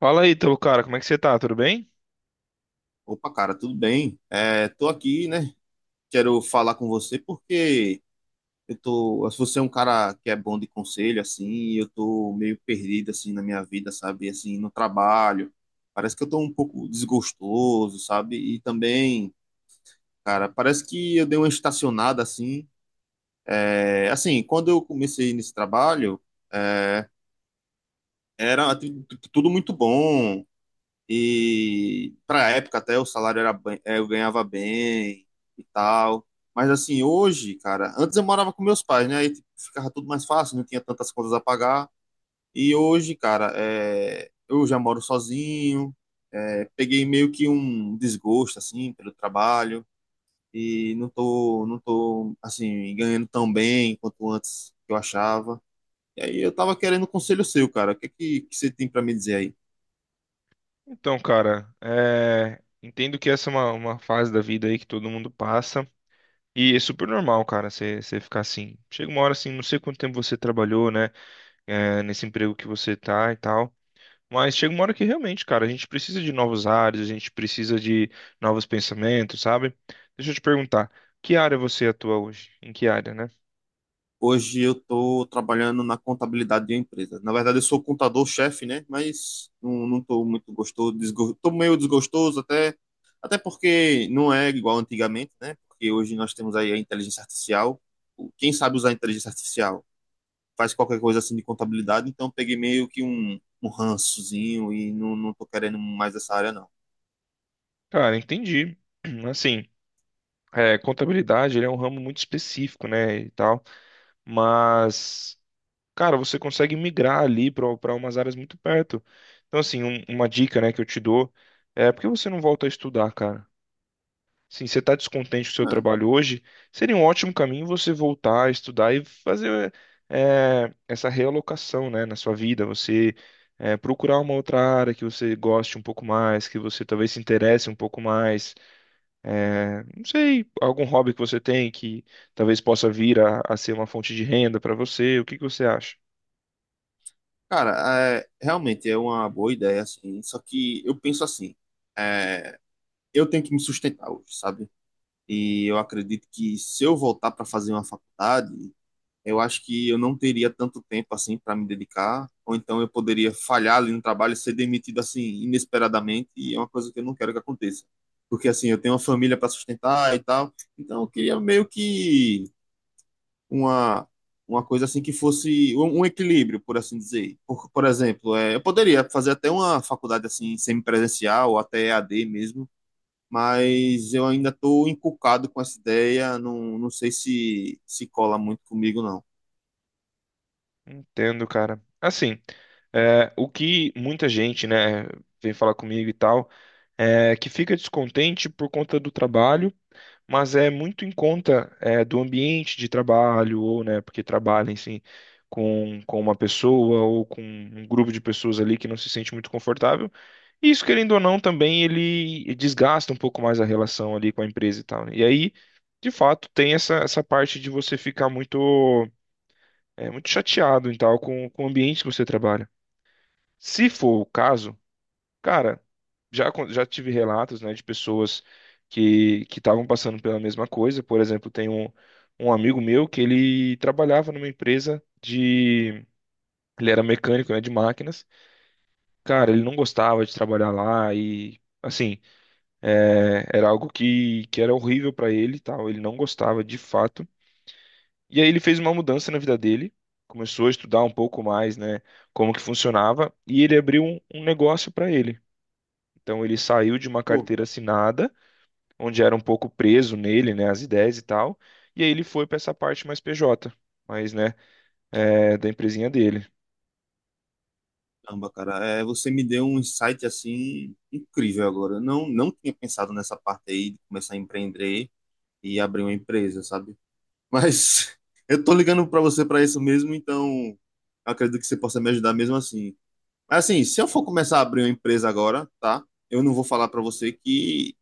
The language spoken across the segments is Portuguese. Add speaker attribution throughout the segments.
Speaker 1: Fala aí, Ítalo, cara, como é que você tá? Tudo bem?
Speaker 2: Opa, cara, tudo bem? É, tô aqui, né? Quero falar com você porque eu tô. Se você é um cara que é bom de conselho, assim, eu tô meio perdido, assim, na minha vida, sabe? Assim, no trabalho. Parece que eu tô um pouco desgostoso, sabe? E também, cara, parece que eu dei uma estacionada, assim. É, assim, quando eu comecei nesse trabalho, é, era tudo muito bom. E para a época até o salário era bem, eu ganhava bem e tal. Mas assim, hoje, cara, antes eu morava com meus pais, né? Aí tipo, ficava tudo mais fácil, não tinha tantas contas a pagar. E hoje, cara, eu já moro sozinho. Peguei meio que um desgosto, assim, pelo trabalho. E não tô, assim, ganhando tão bem quanto antes que eu achava. E aí eu tava querendo um conselho seu, cara. O que é que você tem para me dizer aí?
Speaker 1: Então, cara, entendo que essa é uma fase da vida aí que todo mundo passa. E é super normal, cara, você ficar assim. Chega uma hora assim, não sei quanto tempo você trabalhou, né? Nesse emprego que você tá e tal. Mas chega uma hora que realmente, cara, a gente precisa de novos áreas, a gente precisa de novos pensamentos, sabe? Deixa eu te perguntar, que área você atua hoje? Em que área, né?
Speaker 2: Hoje eu estou trabalhando na contabilidade de uma empresa. Na verdade, eu sou contador-chefe, né? Mas não tô muito gostoso, estou meio desgostoso até, até porque não é igual antigamente, né? Porque hoje nós temos aí a inteligência artificial. Quem sabe usar a inteligência artificial faz qualquer coisa assim de contabilidade, então eu peguei meio que um rançozinho e não tô querendo mais essa área, não.
Speaker 1: Cara, entendi. Assim, contabilidade, ele é um ramo muito específico, né? E tal. Mas, cara, você consegue migrar ali para umas áreas muito perto. Então, assim, uma dica, né, que eu te dou é por que você não volta a estudar, cara? Sim, você está descontente com o seu
Speaker 2: É,
Speaker 1: trabalho hoje, seria um ótimo caminho você voltar a estudar e fazer essa realocação, né, na sua vida. Você procurar uma outra área que você goste um pouco mais, que você talvez se interesse um pouco mais. É, não sei, algum hobby que você tem que talvez possa vir a ser uma fonte de renda para você, o que que você acha?
Speaker 2: cara, é, realmente é uma boa ideia, assim, só que eu penso assim, é, eu tenho que me sustentar hoje, sabe? E eu acredito que se eu voltar para fazer uma faculdade, eu acho que eu não teria tanto tempo assim para me dedicar, ou então eu poderia falhar ali no trabalho, ser demitido assim inesperadamente, e é uma coisa que eu não quero que aconteça. Porque assim, eu tenho uma família para sustentar e tal, então eu queria meio que uma uma coisa assim que fosse um equilíbrio, por assim dizer. Por exemplo, é, eu poderia fazer até uma faculdade assim semipresencial ou até EAD mesmo, mas eu ainda estou encucado com essa ideia, não sei se cola muito comigo, não.
Speaker 1: Entendo, cara. Assim, o que muita gente, né, vem falar comigo e tal, é que fica descontente por conta do trabalho, mas é muito em conta, é, do ambiente de trabalho, ou, né, porque trabalha, enfim, com uma pessoa ou com um grupo de pessoas ali que não se sente muito confortável. Isso, querendo ou não, também ele desgasta um pouco mais a relação ali com a empresa e tal, né? E aí, de fato, tem essa parte de você ficar muito, muito chateado e tal com o ambiente que você trabalha. Se for o caso, cara, já tive relatos, né, de pessoas que estavam passando pela mesma coisa. Por exemplo, tem um amigo meu que ele trabalhava numa empresa de... Ele era mecânico, né, de máquinas. Cara, ele não gostava de trabalhar lá e, assim... É, era algo que era horrível para ele, e tal. Ele não gostava de fato. E aí ele fez uma mudança na vida dele, começou a estudar um pouco mais, né, como que funcionava, e ele abriu um negócio para ele. Então ele saiu de uma
Speaker 2: Pô,
Speaker 1: carteira assinada, onde era um pouco preso nele, né, as ideias e tal. E aí ele foi para essa parte mais PJ, mas né, da empresinha dele.
Speaker 2: caramba, cara, é, você me deu um insight assim incrível agora. Eu não tinha pensado nessa parte aí de começar a empreender e abrir uma empresa, sabe? Mas eu tô ligando para você para isso mesmo, então eu acredito que você possa me ajudar mesmo assim. Mas assim, se eu for começar a abrir uma empresa agora, tá? Eu não vou falar para você que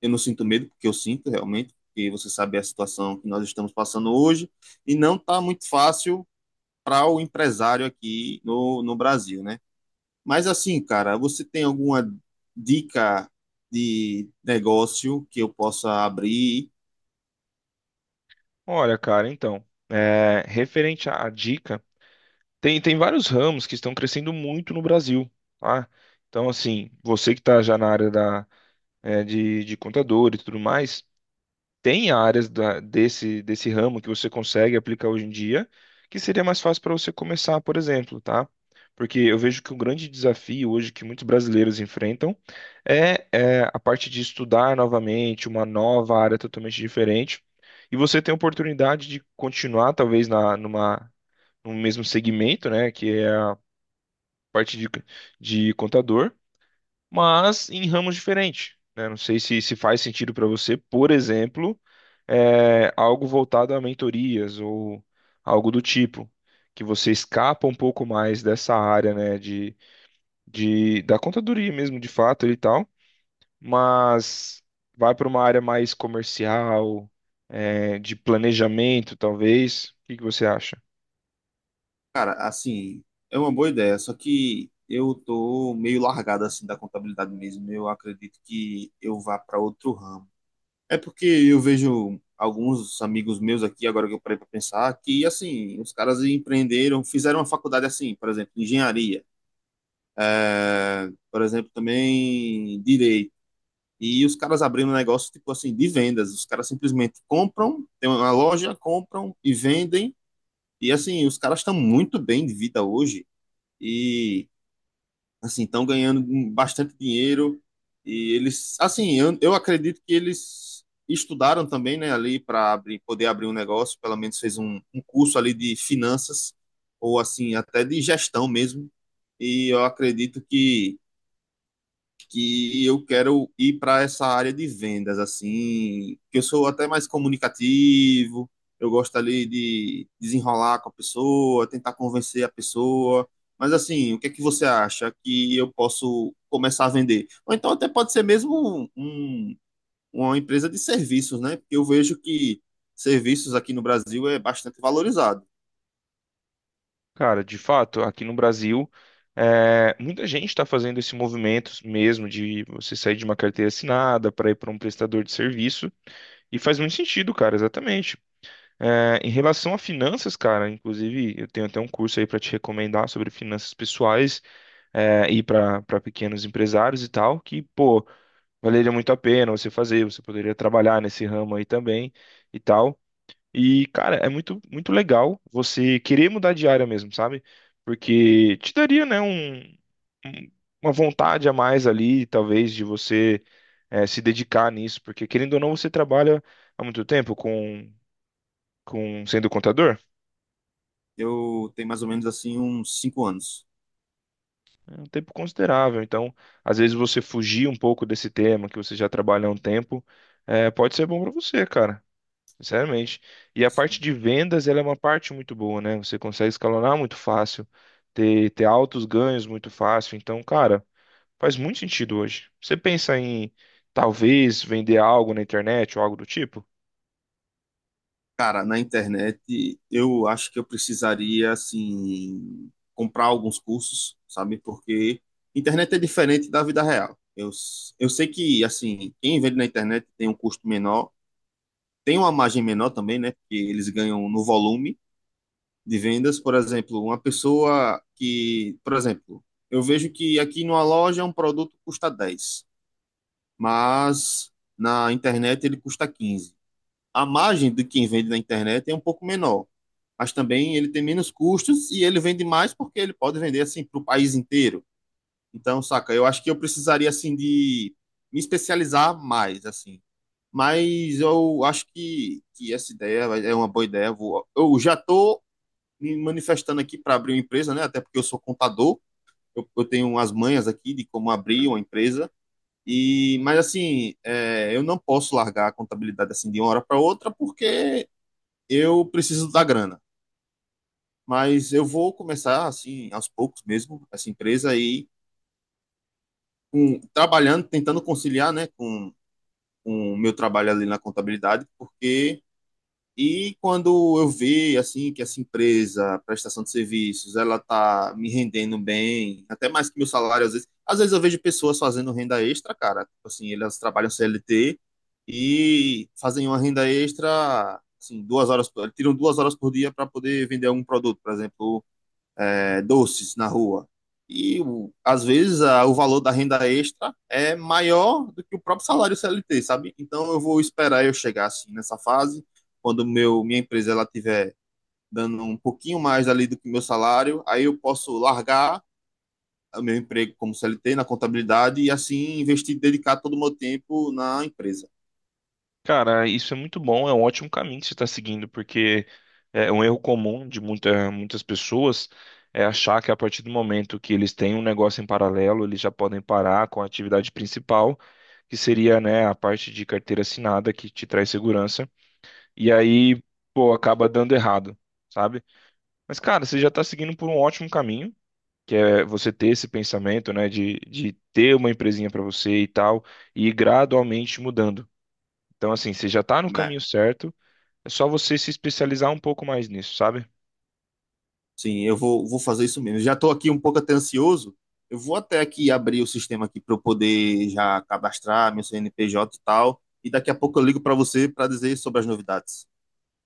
Speaker 2: eu não sinto medo, porque eu sinto realmente, porque você sabe a situação que nós estamos passando hoje, e não está muito fácil para o empresário aqui no Brasil, né? Mas assim, cara, você tem alguma dica de negócio que eu possa abrir?
Speaker 1: Olha, cara, então, é, referente à dica. Tem vários ramos que estão crescendo muito no Brasil, tá? Então, assim, você que está já na área da, é, de contador e tudo mais, tem áreas desse, desse ramo que você consegue aplicar hoje em dia, que seria mais fácil para você começar, por exemplo, tá? Porque eu vejo que o grande desafio hoje que muitos brasileiros enfrentam é a parte de estudar novamente uma nova área totalmente diferente. E você tem a oportunidade de continuar, talvez, numa, no mesmo segmento, né? Que é parte de contador, mas em ramos diferentes, né? Não sei se faz sentido para você, por exemplo, algo voltado a mentorias ou algo do tipo, que você escapa um pouco mais dessa área, né, de, da contadoria mesmo, de fato e tal, mas vai para uma área mais comercial, de planejamento, talvez. O que que você acha?
Speaker 2: Cara, assim, é uma boa ideia, só que eu tô meio largado assim da contabilidade mesmo. Eu acredito que eu vá para outro ramo. É porque eu vejo alguns amigos meus aqui, agora que eu parei para pensar, que assim, os caras empreenderam, fizeram uma faculdade assim, por exemplo, engenharia, é, por exemplo, também direito. E os caras abriram um negócio tipo assim de vendas. Os caras simplesmente compram, tem uma loja, compram e vendem. E assim, os caras estão muito bem de vida hoje. E assim, estão ganhando bastante dinheiro e eles, assim, eu acredito que eles estudaram também, né, ali para abrir, poder abrir um negócio, pelo menos fez um curso ali de finanças ou assim, até de gestão mesmo. E eu acredito que eu quero ir para essa área de vendas, assim, que eu sou até mais comunicativo, eu gosto ali de desenrolar com a pessoa, tentar convencer a pessoa. Mas assim, o que é que você acha que eu posso começar a vender? Ou então até pode ser mesmo uma empresa de serviços, né? Porque eu vejo que serviços aqui no Brasil é bastante valorizado.
Speaker 1: Cara, de fato, aqui no Brasil, muita gente está fazendo esse movimento mesmo de você sair de uma carteira assinada para ir para um prestador de serviço, e faz muito sentido, cara, exatamente. É, em relação a finanças, cara, inclusive, eu tenho até um curso aí para te recomendar sobre finanças pessoais, é, e para pequenos empresários e tal, que, pô, valeria muito a pena você fazer, você poderia trabalhar nesse ramo aí também e tal. E, cara, é muito, muito legal você querer mudar de área mesmo, sabe? Porque te daria, né, um- uma vontade a mais ali, talvez, de você se dedicar nisso. Porque, querendo ou não, você trabalha há muito tempo com sendo contador,
Speaker 2: Eu tenho mais ou menos assim uns 5 anos.
Speaker 1: é um tempo considerável. Então, às vezes, você fugir um pouco desse tema que você já trabalha há um tempo, pode ser bom pra você, cara. Sinceramente. E a parte de vendas, ela é uma parte muito boa, né? Você consegue escalonar muito fácil, ter altos ganhos muito fácil. Então, cara, faz muito sentido hoje. Você pensa em talvez vender algo na internet ou algo do tipo?
Speaker 2: Cara, na internet, eu acho que eu precisaria, assim, comprar alguns cursos, sabe? Porque internet é diferente da vida real. Eu sei que, assim, quem vende na internet tem um custo menor, tem uma margem menor também, né? Porque eles ganham no volume de vendas. Por exemplo, uma pessoa que, por exemplo, eu vejo que aqui numa loja um produto custa 10, mas na internet ele custa 15. A margem de quem vende na internet é um pouco menor, mas também ele tem menos custos e ele vende mais porque ele pode vender assim para o país inteiro. Então, saca, eu acho que eu precisaria assim de me especializar mais assim. Mas eu acho que essa ideia é uma boa ideia. Eu já estou me manifestando aqui para abrir uma empresa, né? Até porque eu sou contador, eu tenho umas manhas aqui de como abrir uma empresa. Mas assim, é, eu não posso largar a contabilidade assim de uma hora para outra porque eu preciso da grana. Mas eu vou começar assim aos poucos mesmo essa empresa aí com, trabalhando tentando conciliar, né, com o meu trabalho ali na contabilidade, porque e quando eu ver assim que essa empresa prestação de serviços ela tá me rendendo bem até mais que meu salário, às vezes eu vejo pessoas fazendo renda extra, cara, tipo assim, elas trabalham CLT e fazem uma renda extra assim 2 horas tiram 2 horas por dia para poder vender algum produto, por exemplo, é, doces na rua. E às vezes o valor da renda extra é maior do que o próprio salário CLT, sabe? Então eu vou esperar eu chegar assim nessa fase, quando meu minha empresa ela tiver dando um pouquinho mais ali do que o meu salário, aí eu posso largar o meu emprego como CLT na contabilidade e assim investir, dedicar todo o meu tempo na empresa.
Speaker 1: Cara, isso é muito bom, é um ótimo caminho que você está seguindo, porque é um erro comum de muitas pessoas é achar que a partir do momento que eles têm um negócio em paralelo, eles já podem parar com a atividade principal, que seria, né, a parte de carteira assinada que te traz segurança, e aí, pô, acaba dando errado, sabe? Mas, cara, você já está seguindo por um ótimo caminho. Que é você ter esse pensamento, né, de ter uma empresinha para você e tal, e ir gradualmente mudando. Então, assim, você já está no
Speaker 2: Né?
Speaker 1: caminho certo, é só você se especializar um pouco mais nisso, sabe?
Speaker 2: Sim, eu vou fazer isso mesmo. Já estou aqui um pouco até ansioso. Eu vou até aqui abrir o sistema aqui para eu poder já cadastrar meu CNPJ e tal. E daqui a pouco eu ligo para você para dizer sobre as novidades.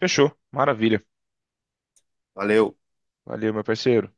Speaker 1: Fechou. Maravilha.
Speaker 2: Valeu.
Speaker 1: Valeu, meu parceiro.